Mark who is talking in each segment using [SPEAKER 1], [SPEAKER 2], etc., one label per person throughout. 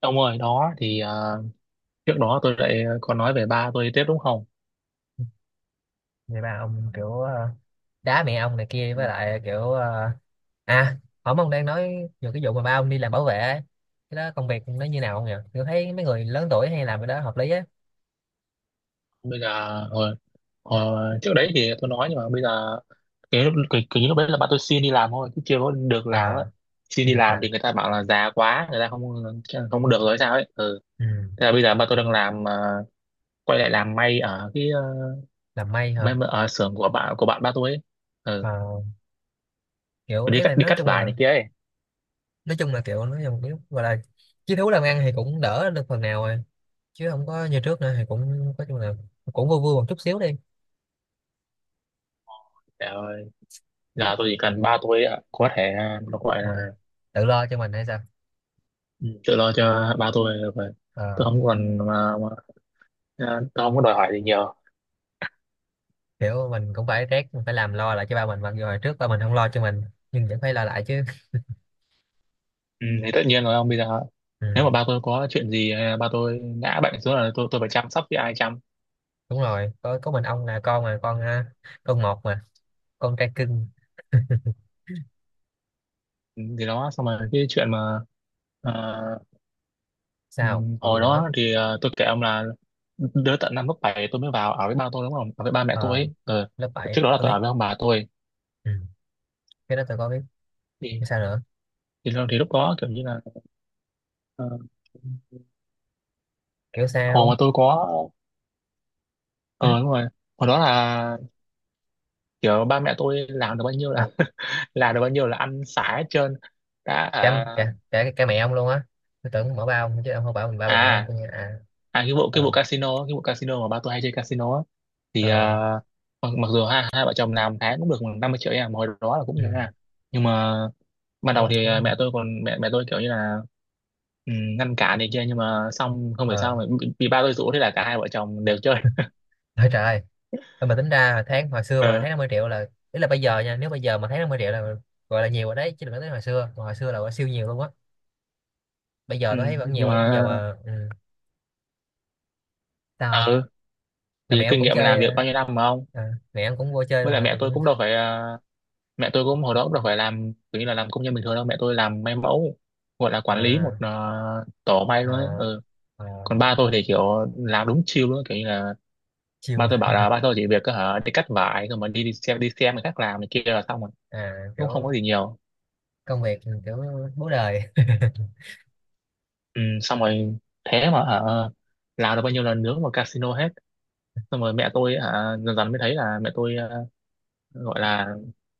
[SPEAKER 1] Ông ơi, đó thì trước đó tôi lại có nói về ba tôi đi tiếp đúng không?
[SPEAKER 2] Người ba ông kiểu đá mẹ ông này kia
[SPEAKER 1] Ừ.
[SPEAKER 2] với lại kiểu à, hổm ông đang nói về cái vụ mà ba ông đi làm bảo vệ ấy. Cái đó công việc nó như nào không nhỉ? Tôi thấy mấy người lớn tuổi hay làm cái đó hợp lý á.
[SPEAKER 1] Bây giờ hồi, hồi, trước đấy thì tôi nói nhưng mà bây giờ cái lúc cái lúc đấy là ba tôi xin đi làm thôi chứ chưa có được làm ấy.
[SPEAKER 2] À,
[SPEAKER 1] Xin
[SPEAKER 2] chưa
[SPEAKER 1] đi
[SPEAKER 2] được
[SPEAKER 1] làm
[SPEAKER 2] làm.
[SPEAKER 1] thì người ta bảo là già quá, người ta không không được rồi sao ấy. Ừ.
[SPEAKER 2] Ừ.
[SPEAKER 1] Thế là bây giờ ba tôi đang làm quay lại làm may ở cái
[SPEAKER 2] Làm may hả?
[SPEAKER 1] may ở xưởng của bạn ba tôi ấy. Ừ.
[SPEAKER 2] Ờ, kiểu
[SPEAKER 1] Đi
[SPEAKER 2] ý
[SPEAKER 1] cắt
[SPEAKER 2] là
[SPEAKER 1] đi
[SPEAKER 2] nói
[SPEAKER 1] cắt
[SPEAKER 2] chung
[SPEAKER 1] vải
[SPEAKER 2] là
[SPEAKER 1] này kia ấy.
[SPEAKER 2] kiểu nói chung kiểu gọi là chí thú làm ăn thì cũng đỡ được phần nào rồi, chứ không có như trước nữa thì cũng nói chung là cũng vui vui một chút xíu đi.
[SPEAKER 1] Trời ơi, giờ tôi chỉ cần ba tôi có thể nó gọi là
[SPEAKER 2] Ờ, tự lo cho mình hay sao?
[SPEAKER 1] Ừ, tự lo cho ba tôi là vậy tôi
[SPEAKER 2] Ờ,
[SPEAKER 1] không còn mà tôi không có đòi hỏi gì nhiều.
[SPEAKER 2] kiểu mình cũng phải rét, mình phải làm lo lại cho ba mình, mặc dù hồi trước ba mình không lo cho mình nhưng vẫn phải lo lại chứ.
[SPEAKER 1] Ừ, thì tất nhiên rồi ông bây giờ
[SPEAKER 2] Ừ,
[SPEAKER 1] nếu mà ba tôi có chuyện gì hay là ba tôi ngã bệnh xuống là tôi phải chăm sóc với ai chăm.
[SPEAKER 2] đúng rồi, có mình ông là con mà, con ha, con một mà, con trai cưng.
[SPEAKER 1] Ừ, thì đó xong rồi cái chuyện mà à, ừ,
[SPEAKER 2] Sao? Còn gì
[SPEAKER 1] hồi
[SPEAKER 2] nữa?
[SPEAKER 1] đó thì tôi kể ông là đứa tận năm lớp 7 tôi mới vào ở với ba tôi đúng không ở với ba mẹ tôi
[SPEAKER 2] Ờ,
[SPEAKER 1] ấy. Ừ,
[SPEAKER 2] lớp 7
[SPEAKER 1] trước đó là
[SPEAKER 2] tôi
[SPEAKER 1] tôi
[SPEAKER 2] biết.
[SPEAKER 1] ở với ông bà tôi
[SPEAKER 2] Ừ, cái đó tôi có biết.
[SPEAKER 1] thì
[SPEAKER 2] Cái sao nữa?
[SPEAKER 1] thì lúc đó kiểu như là ờ,
[SPEAKER 2] Kiểu
[SPEAKER 1] hồi mà
[SPEAKER 2] sao?
[SPEAKER 1] tôi có
[SPEAKER 2] Ừ?
[SPEAKER 1] ờ đúng rồi. Hồi đó là kiểu ba mẹ tôi làm được bao nhiêu là được bao nhiêu là ăn xả hết trơn đã
[SPEAKER 2] cả,
[SPEAKER 1] à,
[SPEAKER 2] cả, cả cả mẹ ông luôn á. Tôi tưởng mở ba ông chứ, ông không bảo mình ba
[SPEAKER 1] à
[SPEAKER 2] mẹ ông tôi nghe à.
[SPEAKER 1] à
[SPEAKER 2] Ờ.
[SPEAKER 1] cái vụ casino mà ba tôi hay chơi casino á thì
[SPEAKER 2] Ờ.
[SPEAKER 1] mặc dù hai hai vợ chồng làm tháng cũng được khoảng 50 triệu nha mà hồi đó là cũng
[SPEAKER 2] Ừ,
[SPEAKER 1] nhiều nha. Nhưng mà ban
[SPEAKER 2] đúng
[SPEAKER 1] đầu
[SPEAKER 2] rồi,
[SPEAKER 1] thì
[SPEAKER 2] đúng rồi.
[SPEAKER 1] mẹ tôi còn mẹ mẹ tôi kiểu như là ừ, ngăn cản này kia nhưng mà xong không phải sao mà
[SPEAKER 2] Ờ.
[SPEAKER 1] bị ba tôi rủ thế là cả hai vợ chồng đều chơi.
[SPEAKER 2] Ôi trời ơi, thôi mà tính ra tháng, hồi xưa mà
[SPEAKER 1] Ờ,
[SPEAKER 2] tháng 50 triệu là, ý là bây giờ nha, nếu bây giờ mà tháng 50 triệu là gọi là nhiều rồi đấy, chứ đừng nói tới hồi xưa. Còn hồi xưa là gọi siêu nhiều luôn á. Bây giờ
[SPEAKER 1] ừ,
[SPEAKER 2] tôi thấy vẫn nhiều
[SPEAKER 1] nhưng
[SPEAKER 2] ấy, bây giờ
[SPEAKER 1] mà
[SPEAKER 2] mà. Ừ. Sao không?
[SPEAKER 1] ờ,
[SPEAKER 2] Là
[SPEAKER 1] thì
[SPEAKER 2] mẹ em
[SPEAKER 1] kinh
[SPEAKER 2] cũng
[SPEAKER 1] nghiệm
[SPEAKER 2] chơi
[SPEAKER 1] làm việc bao nhiêu năm mà không
[SPEAKER 2] à, mẹ em cũng vô chơi
[SPEAKER 1] với
[SPEAKER 2] luôn
[SPEAKER 1] lại
[SPEAKER 2] hả?
[SPEAKER 1] mẹ
[SPEAKER 2] Tôi
[SPEAKER 1] tôi
[SPEAKER 2] cũng
[SPEAKER 1] cũng đâu phải mẹ tôi cũng hồi đó cũng đâu phải làm kiểu như là làm công nhân bình thường đâu mẹ tôi làm may mẫu gọi là quản lý một
[SPEAKER 2] à,
[SPEAKER 1] tổ may luôn ấy.
[SPEAKER 2] à,
[SPEAKER 1] Ừ,
[SPEAKER 2] à,
[SPEAKER 1] còn ba tôi thì kiểu làm đúng chill luôn kiểu như là ba
[SPEAKER 2] chiều.
[SPEAKER 1] tôi bảo là ba tôi chỉ việc có hả đi cắt vải rồi mà đi đi xem người khác làm này kia là xong rồi
[SPEAKER 2] À,
[SPEAKER 1] cũng không
[SPEAKER 2] kiểu
[SPEAKER 1] có gì nhiều.
[SPEAKER 2] công việc. Ừ, kiểu bố đời
[SPEAKER 1] Ừ, xong rồi thế mà hả làm được bao nhiêu lần nướng vào casino hết xong rồi mẹ tôi hả dần dần mới thấy là mẹ tôi gọi là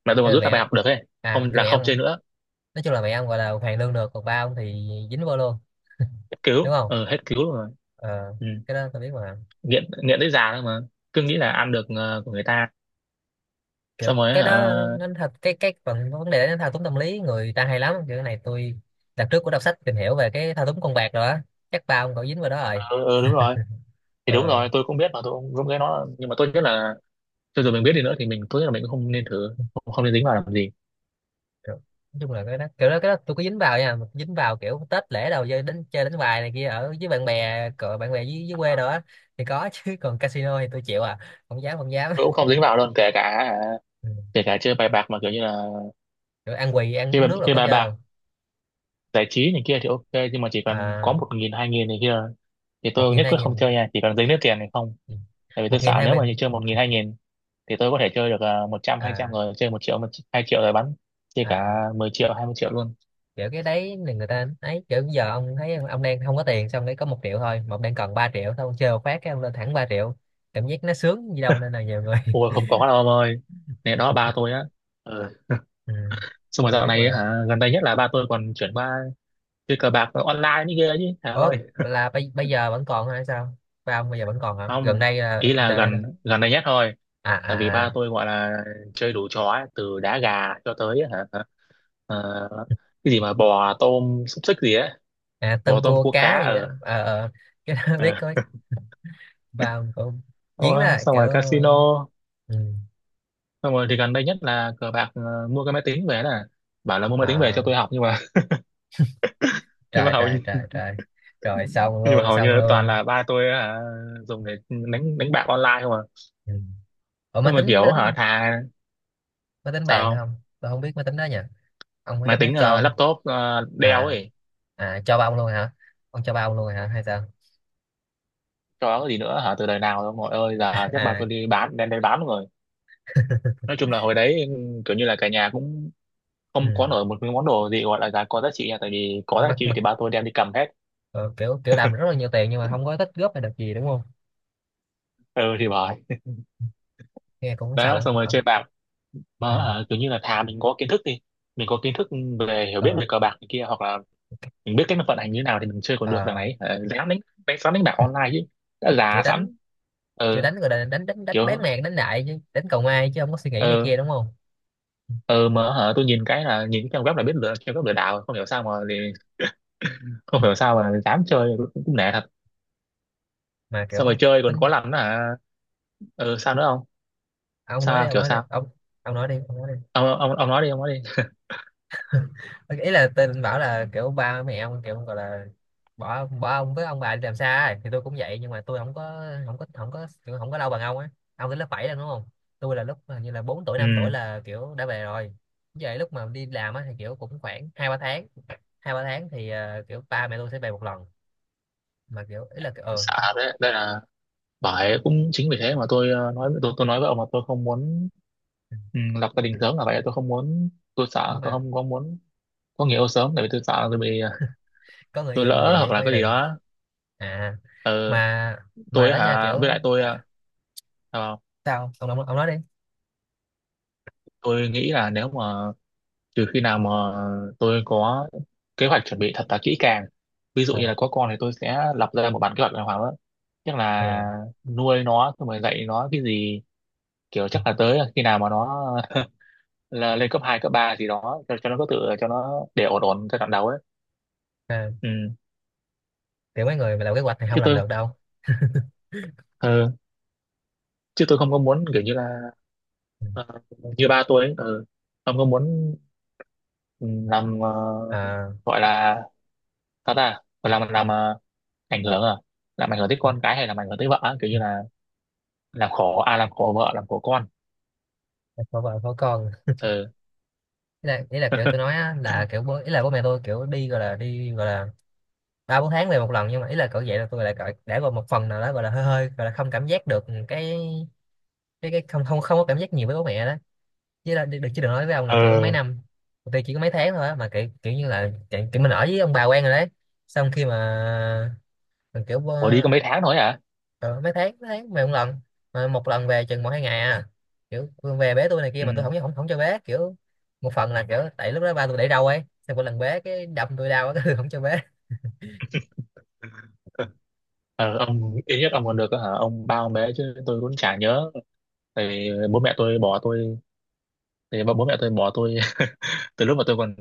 [SPEAKER 1] mẹ tôi
[SPEAKER 2] thế
[SPEAKER 1] mà
[SPEAKER 2] là
[SPEAKER 1] rút
[SPEAKER 2] mẹ
[SPEAKER 1] ra bài
[SPEAKER 2] em,
[SPEAKER 1] học được ấy
[SPEAKER 2] à
[SPEAKER 1] không
[SPEAKER 2] cái
[SPEAKER 1] là
[SPEAKER 2] mẹ em,
[SPEAKER 1] không chơi nữa
[SPEAKER 2] nói chung là mẹ em gọi là hoàn lương được, còn ba ông thì dính vô luôn,
[SPEAKER 1] hết
[SPEAKER 2] đúng
[SPEAKER 1] cứu.
[SPEAKER 2] không?
[SPEAKER 1] Ừ, hết cứu luôn rồi.
[SPEAKER 2] Ờ,
[SPEAKER 1] Ừ.
[SPEAKER 2] cái đó tôi biết mà.
[SPEAKER 1] Nghiện nghiện tới già thôi mà cứ nghĩ là ăn được của người ta xong
[SPEAKER 2] Kiểu
[SPEAKER 1] rồi
[SPEAKER 2] cái
[SPEAKER 1] hả,
[SPEAKER 2] đó nó,
[SPEAKER 1] ờ,
[SPEAKER 2] nó thật, cái phần vấn đề nó thao túng tâm lý người ta hay lắm, kiểu cái này tôi đợt trước cũng đọc sách tìm hiểu về cái thao túng con bạc rồi á. Chắc ba ông cậu dính vào đó rồi.
[SPEAKER 1] ừ, ừ, đúng rồi thì đúng
[SPEAKER 2] Ờ.
[SPEAKER 1] rồi tôi cũng biết mà tôi cũng cũng cái nó là- nhưng mà tôi biết là cho dù mình biết đi nữa thì mình tôi nghĩ là mình cũng không nên thử không nên dính vào làm gì.
[SPEAKER 2] Kiểu, nói chung là cái đó, kiểu đó cái đó tôi có dính vào nha, mà dính vào kiểu Tết lễ đầu chơi, đến chơi đánh bài này kia ở với bạn bè, cỡ bạn bè dưới quê đó á, thì có chứ còn casino thì tôi chịu à, không dám, không dám.
[SPEAKER 1] Tôi cũng không dính vào luôn
[SPEAKER 2] Ừ.
[SPEAKER 1] kể cả chơi bài bạc mà kiểu như là
[SPEAKER 2] Kiểu ăn quỳ ăn uống nước là
[SPEAKER 1] chơi
[SPEAKER 2] có
[SPEAKER 1] bài
[SPEAKER 2] chơi
[SPEAKER 1] bạc
[SPEAKER 2] không?
[SPEAKER 1] giải trí này kia thì ok nhưng mà chỉ cần có
[SPEAKER 2] À,
[SPEAKER 1] 1 nghìn 2 nghìn này kia thì
[SPEAKER 2] một
[SPEAKER 1] tôi
[SPEAKER 2] nghìn
[SPEAKER 1] nhất
[SPEAKER 2] hai
[SPEAKER 1] quyết không
[SPEAKER 2] nghìn
[SPEAKER 1] chơi nha chỉ cần dính nước tiền này không tại vì tôi
[SPEAKER 2] Một nghìn
[SPEAKER 1] sợ
[SPEAKER 2] hai
[SPEAKER 1] nếu mà như
[SPEAKER 2] nghìn.
[SPEAKER 1] chơi 1 nghìn 2 nghìn thì tôi có thể chơi được 100 200
[SPEAKER 2] À.
[SPEAKER 1] rồi chơi 1 triệu 1 2 triệu rồi bắn chơi cả
[SPEAKER 2] À,
[SPEAKER 1] 10 triệu 20 triệu luôn.
[SPEAKER 2] kiểu cái đấy là người ta ấy, kiểu bây giờ ông thấy ông đang không có tiền xong đấy, có 1 triệu thôi mà ông đang cần 3 triệu, thôi ông chơi một phát cái ông lên thẳng 3 triệu, cảm giác nó sướng gì đâu nên là nhiều người
[SPEAKER 1] Ôi không có đâu ông ơi này đó ba tôi á. Ờ,
[SPEAKER 2] ừ.
[SPEAKER 1] xong rồi
[SPEAKER 2] Tôi
[SPEAKER 1] dạo
[SPEAKER 2] biết
[SPEAKER 1] này á
[SPEAKER 2] mà.
[SPEAKER 1] hả gần đây nhất là ba tôi còn chuyển qua chơi cờ bạc online như kia chứ hả
[SPEAKER 2] Ủa
[SPEAKER 1] ơi
[SPEAKER 2] là bây giờ vẫn còn hay sao? Ba ông bây giờ vẫn còn hả, gần
[SPEAKER 1] không
[SPEAKER 2] đây là
[SPEAKER 1] ý
[SPEAKER 2] bây
[SPEAKER 1] là
[SPEAKER 2] giờ hay sao?
[SPEAKER 1] gần gần đây nhất thôi
[SPEAKER 2] À,
[SPEAKER 1] tại vì
[SPEAKER 2] à, à,
[SPEAKER 1] ba tôi gọi là chơi đủ trò ấy, từ đá gà cho tới hả ờ, cái gì mà bò tôm xúc xích gì ấy
[SPEAKER 2] à
[SPEAKER 1] bò
[SPEAKER 2] tôm
[SPEAKER 1] tôm
[SPEAKER 2] cua
[SPEAKER 1] cua cá
[SPEAKER 2] cá gì đó.
[SPEAKER 1] ở
[SPEAKER 2] Ờ, ờ. Cái đó biết
[SPEAKER 1] ờ.
[SPEAKER 2] có. Ba ông cũng chiến đó,
[SPEAKER 1] Ờ, xong
[SPEAKER 2] kiểu.
[SPEAKER 1] rồi casino
[SPEAKER 2] Ừ.
[SPEAKER 1] xong rồi thì gần đây nhất là cờ bạc mua cái máy tính về nè bảo là mua máy tính về cho
[SPEAKER 2] À,
[SPEAKER 1] tôi học nhưng mà nhưng mà
[SPEAKER 2] trời
[SPEAKER 1] hầu
[SPEAKER 2] trời
[SPEAKER 1] như
[SPEAKER 2] trời trời. Rồi, xong
[SPEAKER 1] nhưng mà
[SPEAKER 2] luôn,
[SPEAKER 1] hầu
[SPEAKER 2] xong
[SPEAKER 1] như toàn
[SPEAKER 2] luôn.
[SPEAKER 1] là ba tôi hả, dùng để đánh đánh bạc online không à
[SPEAKER 2] Ừ. Ủa, máy
[SPEAKER 1] xong rồi
[SPEAKER 2] tính máy
[SPEAKER 1] kiểu hả
[SPEAKER 2] tính
[SPEAKER 1] thà
[SPEAKER 2] máy tính bàn hay
[SPEAKER 1] sao
[SPEAKER 2] không tôi không biết, máy tính đó nha. Ông máy
[SPEAKER 1] máy
[SPEAKER 2] tính đó
[SPEAKER 1] tính
[SPEAKER 2] cho.
[SPEAKER 1] laptop Dell
[SPEAKER 2] À,
[SPEAKER 1] ấy
[SPEAKER 2] à, cho ba ông luôn hả? Ông cho ba ông luôn hả, hay sao?
[SPEAKER 1] cho cái gì nữa hả từ đời nào đâu mọi ơi giờ chắc ba
[SPEAKER 2] À.
[SPEAKER 1] tôi đi bán đem đi bán rồi. Nói chung là hồi đấy kiểu như là cả nhà cũng
[SPEAKER 2] Ừ.
[SPEAKER 1] không có nổi một cái món đồ gì gọi là giá có giá trị nha tại vì có giá
[SPEAKER 2] mặc
[SPEAKER 1] trị
[SPEAKER 2] mặc
[SPEAKER 1] thì ba tôi đem đi cầm hết.
[SPEAKER 2] ờ, kiểu kiểu làm rất là nhiều tiền nhưng mà không có tích góp hay được gì đúng không?
[SPEAKER 1] Ừ thì bởi
[SPEAKER 2] Nghe cũng sầu
[SPEAKER 1] đó
[SPEAKER 2] á.
[SPEAKER 1] xong rồi
[SPEAKER 2] Ờ,
[SPEAKER 1] chơi bạc mà
[SPEAKER 2] ừ.
[SPEAKER 1] kiểu như là thà mình có kiến thức đi mình có kiến thức về hiểu
[SPEAKER 2] Ờ,
[SPEAKER 1] biết về cờ bạc này kia hoặc là mình biết cách nó vận hành như thế nào thì mình chơi còn được đằng
[SPEAKER 2] ờ,
[SPEAKER 1] này dám đánh đánh sẵn đánh bạc online chứ đã già
[SPEAKER 2] kiểu
[SPEAKER 1] sẵn
[SPEAKER 2] đánh kiểu
[SPEAKER 1] ờ
[SPEAKER 2] đánh rồi đánh đánh đánh đánh bán
[SPEAKER 1] kiểu
[SPEAKER 2] mạng, đánh đại chứ đánh cầu may, chứ không có suy nghĩ này
[SPEAKER 1] ờ
[SPEAKER 2] kia, đúng không?
[SPEAKER 1] ờ mà hả tôi nhìn cái là nhìn cái trang web là biết lừa trang web lừa đảo rồi. Không hiểu sao mà không hiểu sao mà dám chơi cũng nể thật
[SPEAKER 2] Mà
[SPEAKER 1] xong rồi
[SPEAKER 2] kiểu
[SPEAKER 1] chơi còn có
[SPEAKER 2] tính.
[SPEAKER 1] làm nữa hả sao nữa không
[SPEAKER 2] Ông nói đi,
[SPEAKER 1] sao
[SPEAKER 2] ông
[SPEAKER 1] kiểu
[SPEAKER 2] nói đi
[SPEAKER 1] sao
[SPEAKER 2] ông. Ông nói đi, ông nói đi.
[SPEAKER 1] ông nói đi ông nói đi.
[SPEAKER 2] Ý là tên anh bảo là kiểu ba mẹ ông kiểu gọi là bỏ bỏ ông với ông bà đi làm xa ấy. Thì tôi cũng vậy nhưng mà tôi không có kiểu không có lâu bằng ông á. Ông tới lớp 7 rồi đúng không? Tôi là lúc hình như là 4 tuổi 5 tuổi
[SPEAKER 1] Ừ
[SPEAKER 2] là kiểu đã về rồi. Vậy lúc mà đi làm á thì kiểu cũng khoảng 2, 3 tháng. Hai ba tháng thì kiểu ba mẹ tôi sẽ về một lần. Mà kiểu ý là kiểu
[SPEAKER 1] sợ đấy đây là bởi cũng chính vì thế mà tôi nói tôi nói với ông là tôi không muốn ừ, lập gia đình sớm là vậy tôi không muốn tôi
[SPEAKER 2] nhưng
[SPEAKER 1] sợ tôi
[SPEAKER 2] mà
[SPEAKER 1] không có muốn có người yêu sớm tại vì tôi sợ là tôi bị
[SPEAKER 2] có người
[SPEAKER 1] tôi
[SPEAKER 2] yêu rồi
[SPEAKER 1] lỡ
[SPEAKER 2] vậy
[SPEAKER 1] hoặc
[SPEAKER 2] vậy có
[SPEAKER 1] là
[SPEAKER 2] gia
[SPEAKER 1] cái gì
[SPEAKER 2] đình.
[SPEAKER 1] đó.
[SPEAKER 2] À,
[SPEAKER 1] Ừ,
[SPEAKER 2] mà mà
[SPEAKER 1] tôi
[SPEAKER 2] đó nha,
[SPEAKER 1] hả
[SPEAKER 2] kiểu.
[SPEAKER 1] với lại tôi sao không?
[SPEAKER 2] Sao ông, ông nói đi.
[SPEAKER 1] Tôi nghĩ là nếu mà trừ khi nào mà tôi có kế hoạch chuẩn bị thật là kỹ càng ví dụ
[SPEAKER 2] Ờ,
[SPEAKER 1] như là có con thì tôi sẽ lập ra một bản kế hoạch đàng hoàng đó chắc là
[SPEAKER 2] ừ.
[SPEAKER 1] nuôi nó xong rồi dạy nó cái gì kiểu chắc là tới khi nào mà nó là lên cấp 2 cấp 3 gì đó cho nó có tự cho nó để ổn ổn giai đoạn đầu ấy.
[SPEAKER 2] À,
[SPEAKER 1] Ừ,
[SPEAKER 2] kiểu mấy người mà làm kế hoạch thì không
[SPEAKER 1] chứ
[SPEAKER 2] làm
[SPEAKER 1] tôi
[SPEAKER 2] được đâu.
[SPEAKER 1] ờ, chứ tôi không có muốn kiểu như là
[SPEAKER 2] Ừ.
[SPEAKER 1] ờ, như ba tôi ấy không có muốn ừ, làm
[SPEAKER 2] À,
[SPEAKER 1] gọi là sao ta gọi làm ảnh hưởng à làm ảnh hưởng tới con cái hay làm ảnh hưởng tới vợ á, kiểu như là làm khổ à làm khổ vợ làm khổ con
[SPEAKER 2] có vợ có con ý
[SPEAKER 1] ờ
[SPEAKER 2] là, kiểu tôi nói á, là kiểu bố, ý là bố mẹ tôi kiểu đi gọi là, 3, 4 tháng về một lần. Nhưng mà ý là cỡ vậy là tôi lại cỡ đã gọi một phần nào đó gọi là hơi hơi, gọi là không cảm giác được cái, cái không không không có cảm giác nhiều với bố mẹ đó. Chứ là được, chứ đừng nói với ông là kiểu
[SPEAKER 1] ờ
[SPEAKER 2] mấy năm. Tụi tôi chỉ có mấy tháng thôi á, mà kiểu kiểu như là kiểu mình ở với ông bà quen rồi đấy. Xong khi mà kiểu
[SPEAKER 1] khổ đi có mấy tháng thôi à.
[SPEAKER 2] ờ, mấy tháng về một lần. Mà một lần về chừng 1, 2 ngày à. Kiểu Phương về bế tôi này kia
[SPEAKER 1] Ừ.
[SPEAKER 2] mà tôi không không không cho bế kiểu. Một phần là kiểu tại lúc đó ba tôi để râu ấy, xong mỗi lần bế cái đâm tôi đau cái không cho bế.
[SPEAKER 1] Ờ ông ít nhất ông còn được hả ông bao mấy chứ tôi cũng chả nhớ thì bố mẹ tôi bỏ tôi thì bố bố mẹ tôi bỏ tôi từ lúc mà tôi còn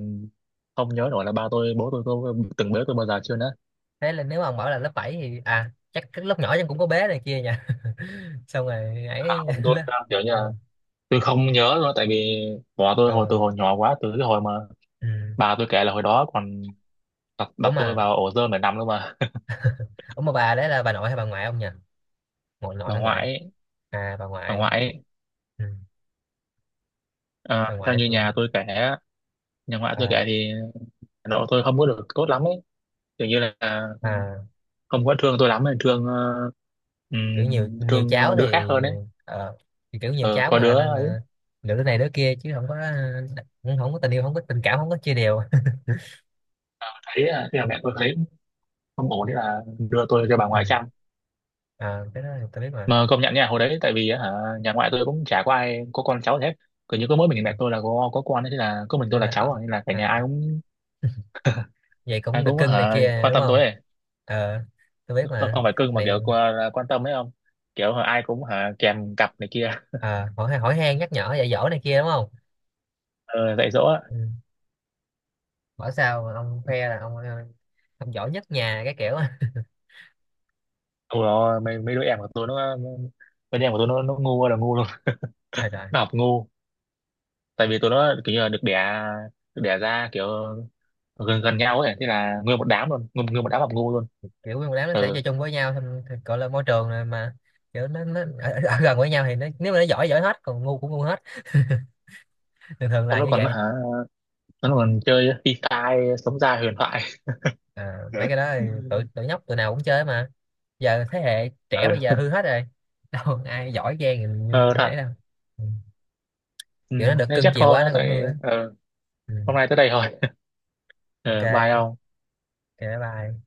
[SPEAKER 1] không nhớ nổi là ba tôi bố tôi có từng bế tôi bao giờ chưa nữa
[SPEAKER 2] Thế là nếu mà ông bảo là lớp 7 thì à, chắc cái lúc nhỏ em cũng có bé này kia nha xong rồi ấy
[SPEAKER 1] không tôi
[SPEAKER 2] lớp.
[SPEAKER 1] kiểu như
[SPEAKER 2] Ừ.
[SPEAKER 1] là tôi không nhớ nữa tại vì bỏ tôi hồi từ
[SPEAKER 2] Rồi.
[SPEAKER 1] hồi nhỏ quá từ cái hồi mà
[SPEAKER 2] Ừ.
[SPEAKER 1] bà tôi kể là hồi đó còn
[SPEAKER 2] ủa
[SPEAKER 1] đặt
[SPEAKER 2] mà
[SPEAKER 1] tôi vào ổ rơm để nằm luôn mà
[SPEAKER 2] ủa mà bà đấy là bà nội hay bà ngoại ông nhỉ? Nội, nội
[SPEAKER 1] bà
[SPEAKER 2] hay
[SPEAKER 1] ngoại
[SPEAKER 2] ngoại?
[SPEAKER 1] ấy,
[SPEAKER 2] À, bà
[SPEAKER 1] bà
[SPEAKER 2] ngoại.
[SPEAKER 1] ngoại ấy,
[SPEAKER 2] Ừ. Bà
[SPEAKER 1] à, theo
[SPEAKER 2] ngoại
[SPEAKER 1] như
[SPEAKER 2] thì
[SPEAKER 1] nhà tôi kể á, nhà ngoại tôi kể
[SPEAKER 2] à,
[SPEAKER 1] thì độ tôi không có được tốt lắm ấy kiểu như là
[SPEAKER 2] à,
[SPEAKER 1] không có thương tôi lắm thương
[SPEAKER 2] kiểu nhiều, nhiều
[SPEAKER 1] thương
[SPEAKER 2] cháu
[SPEAKER 1] đứa khác
[SPEAKER 2] thì.
[SPEAKER 1] hơn ấy.
[SPEAKER 2] Ờ, thì kiểu nhiều
[SPEAKER 1] Ờ,
[SPEAKER 2] cháu
[SPEAKER 1] có
[SPEAKER 2] mà
[SPEAKER 1] đứa
[SPEAKER 2] nên là lựa đứa này đứa kia chứ không có, cũng không có tình yêu, không có tình cảm, không có chia đều.
[SPEAKER 1] thấy à, thế là mẹ tôi thấy không ổn thế là đưa tôi cho bà
[SPEAKER 2] Ừ.
[SPEAKER 1] ngoại chăm
[SPEAKER 2] Ờ, cái đó thì tôi biết mà.
[SPEAKER 1] mà công nhận nha hồi đấy tại vì á, hả, nhà ngoại tôi cũng chả có ai có con cháu gì hết cứ như có mỗi mình mẹ tôi là có con ấy, thế là có mình tôi
[SPEAKER 2] Nên
[SPEAKER 1] là
[SPEAKER 2] là
[SPEAKER 1] cháu à, nên là cả nhà
[SPEAKER 2] à, vậy cũng
[SPEAKER 1] ai
[SPEAKER 2] được
[SPEAKER 1] cũng
[SPEAKER 2] cưng này
[SPEAKER 1] hả,
[SPEAKER 2] kia
[SPEAKER 1] quan
[SPEAKER 2] đúng
[SPEAKER 1] tâm tôi
[SPEAKER 2] không?
[SPEAKER 1] ấy.
[SPEAKER 2] Ờ, tôi biết
[SPEAKER 1] Không
[SPEAKER 2] mà.
[SPEAKER 1] không phải cưng mà
[SPEAKER 2] Này,
[SPEAKER 1] kiểu qua- quan tâm ấy không kiểu hả, ai cũng hả, kèm cặp này kia
[SPEAKER 2] ờ, hỏi hỏi han nhắc nhở dạy dỗ này kia đúng không?
[SPEAKER 1] ờ, dạy dỗ á.
[SPEAKER 2] Ừ. Bảo sao mà ông khoe là ông, ông giỏi nhất nhà cái kiểu
[SPEAKER 1] Ôi rồi mấy đứa em của tôi nó mấy đứa em của tôi nó ngu ơi là ngu luôn
[SPEAKER 2] trời trời.
[SPEAKER 1] nó học ngu tại vì tụi nó kiểu như là được đẻ ra kiểu gần gần nhau ấy thế là nguyên một đám luôn nguyên một đám học ngu luôn.
[SPEAKER 2] Kiểu nguyên một đám nó sẽ
[SPEAKER 1] Ừ
[SPEAKER 2] chơi chung với nhau xong thì gọi là môi trường này mà. Kiểu nó ở gần với nhau thì nó, nếu mà nó giỏi giỏi hết, còn ngu cũng ngu hết. Thường thường
[SPEAKER 1] xong
[SPEAKER 2] là
[SPEAKER 1] nó
[SPEAKER 2] như
[SPEAKER 1] còn
[SPEAKER 2] vậy.
[SPEAKER 1] hả nó còn chơi phi tai sống ra huyền thoại
[SPEAKER 2] À, mấy cái đó thì tụi tụi nhóc tụi nào cũng chơi mà. Giờ thế hệ trẻ bây giờ
[SPEAKER 1] ừ,
[SPEAKER 2] hư hết rồi đâu ai giỏi giang như, như,
[SPEAKER 1] ờ,
[SPEAKER 2] như ấy
[SPEAKER 1] thật.
[SPEAKER 2] đâu. Ừ.
[SPEAKER 1] Ừ.
[SPEAKER 2] Kiểu nó được
[SPEAKER 1] Thế
[SPEAKER 2] cưng
[SPEAKER 1] chắc
[SPEAKER 2] chiều
[SPEAKER 1] thôi
[SPEAKER 2] quá
[SPEAKER 1] nhá
[SPEAKER 2] nó cũng
[SPEAKER 1] tại
[SPEAKER 2] hư á. Ừ.
[SPEAKER 1] hôm nay tới đây thôi.
[SPEAKER 2] OK,
[SPEAKER 1] Ừ, bye
[SPEAKER 2] OK,
[SPEAKER 1] ông.
[SPEAKER 2] bye bye.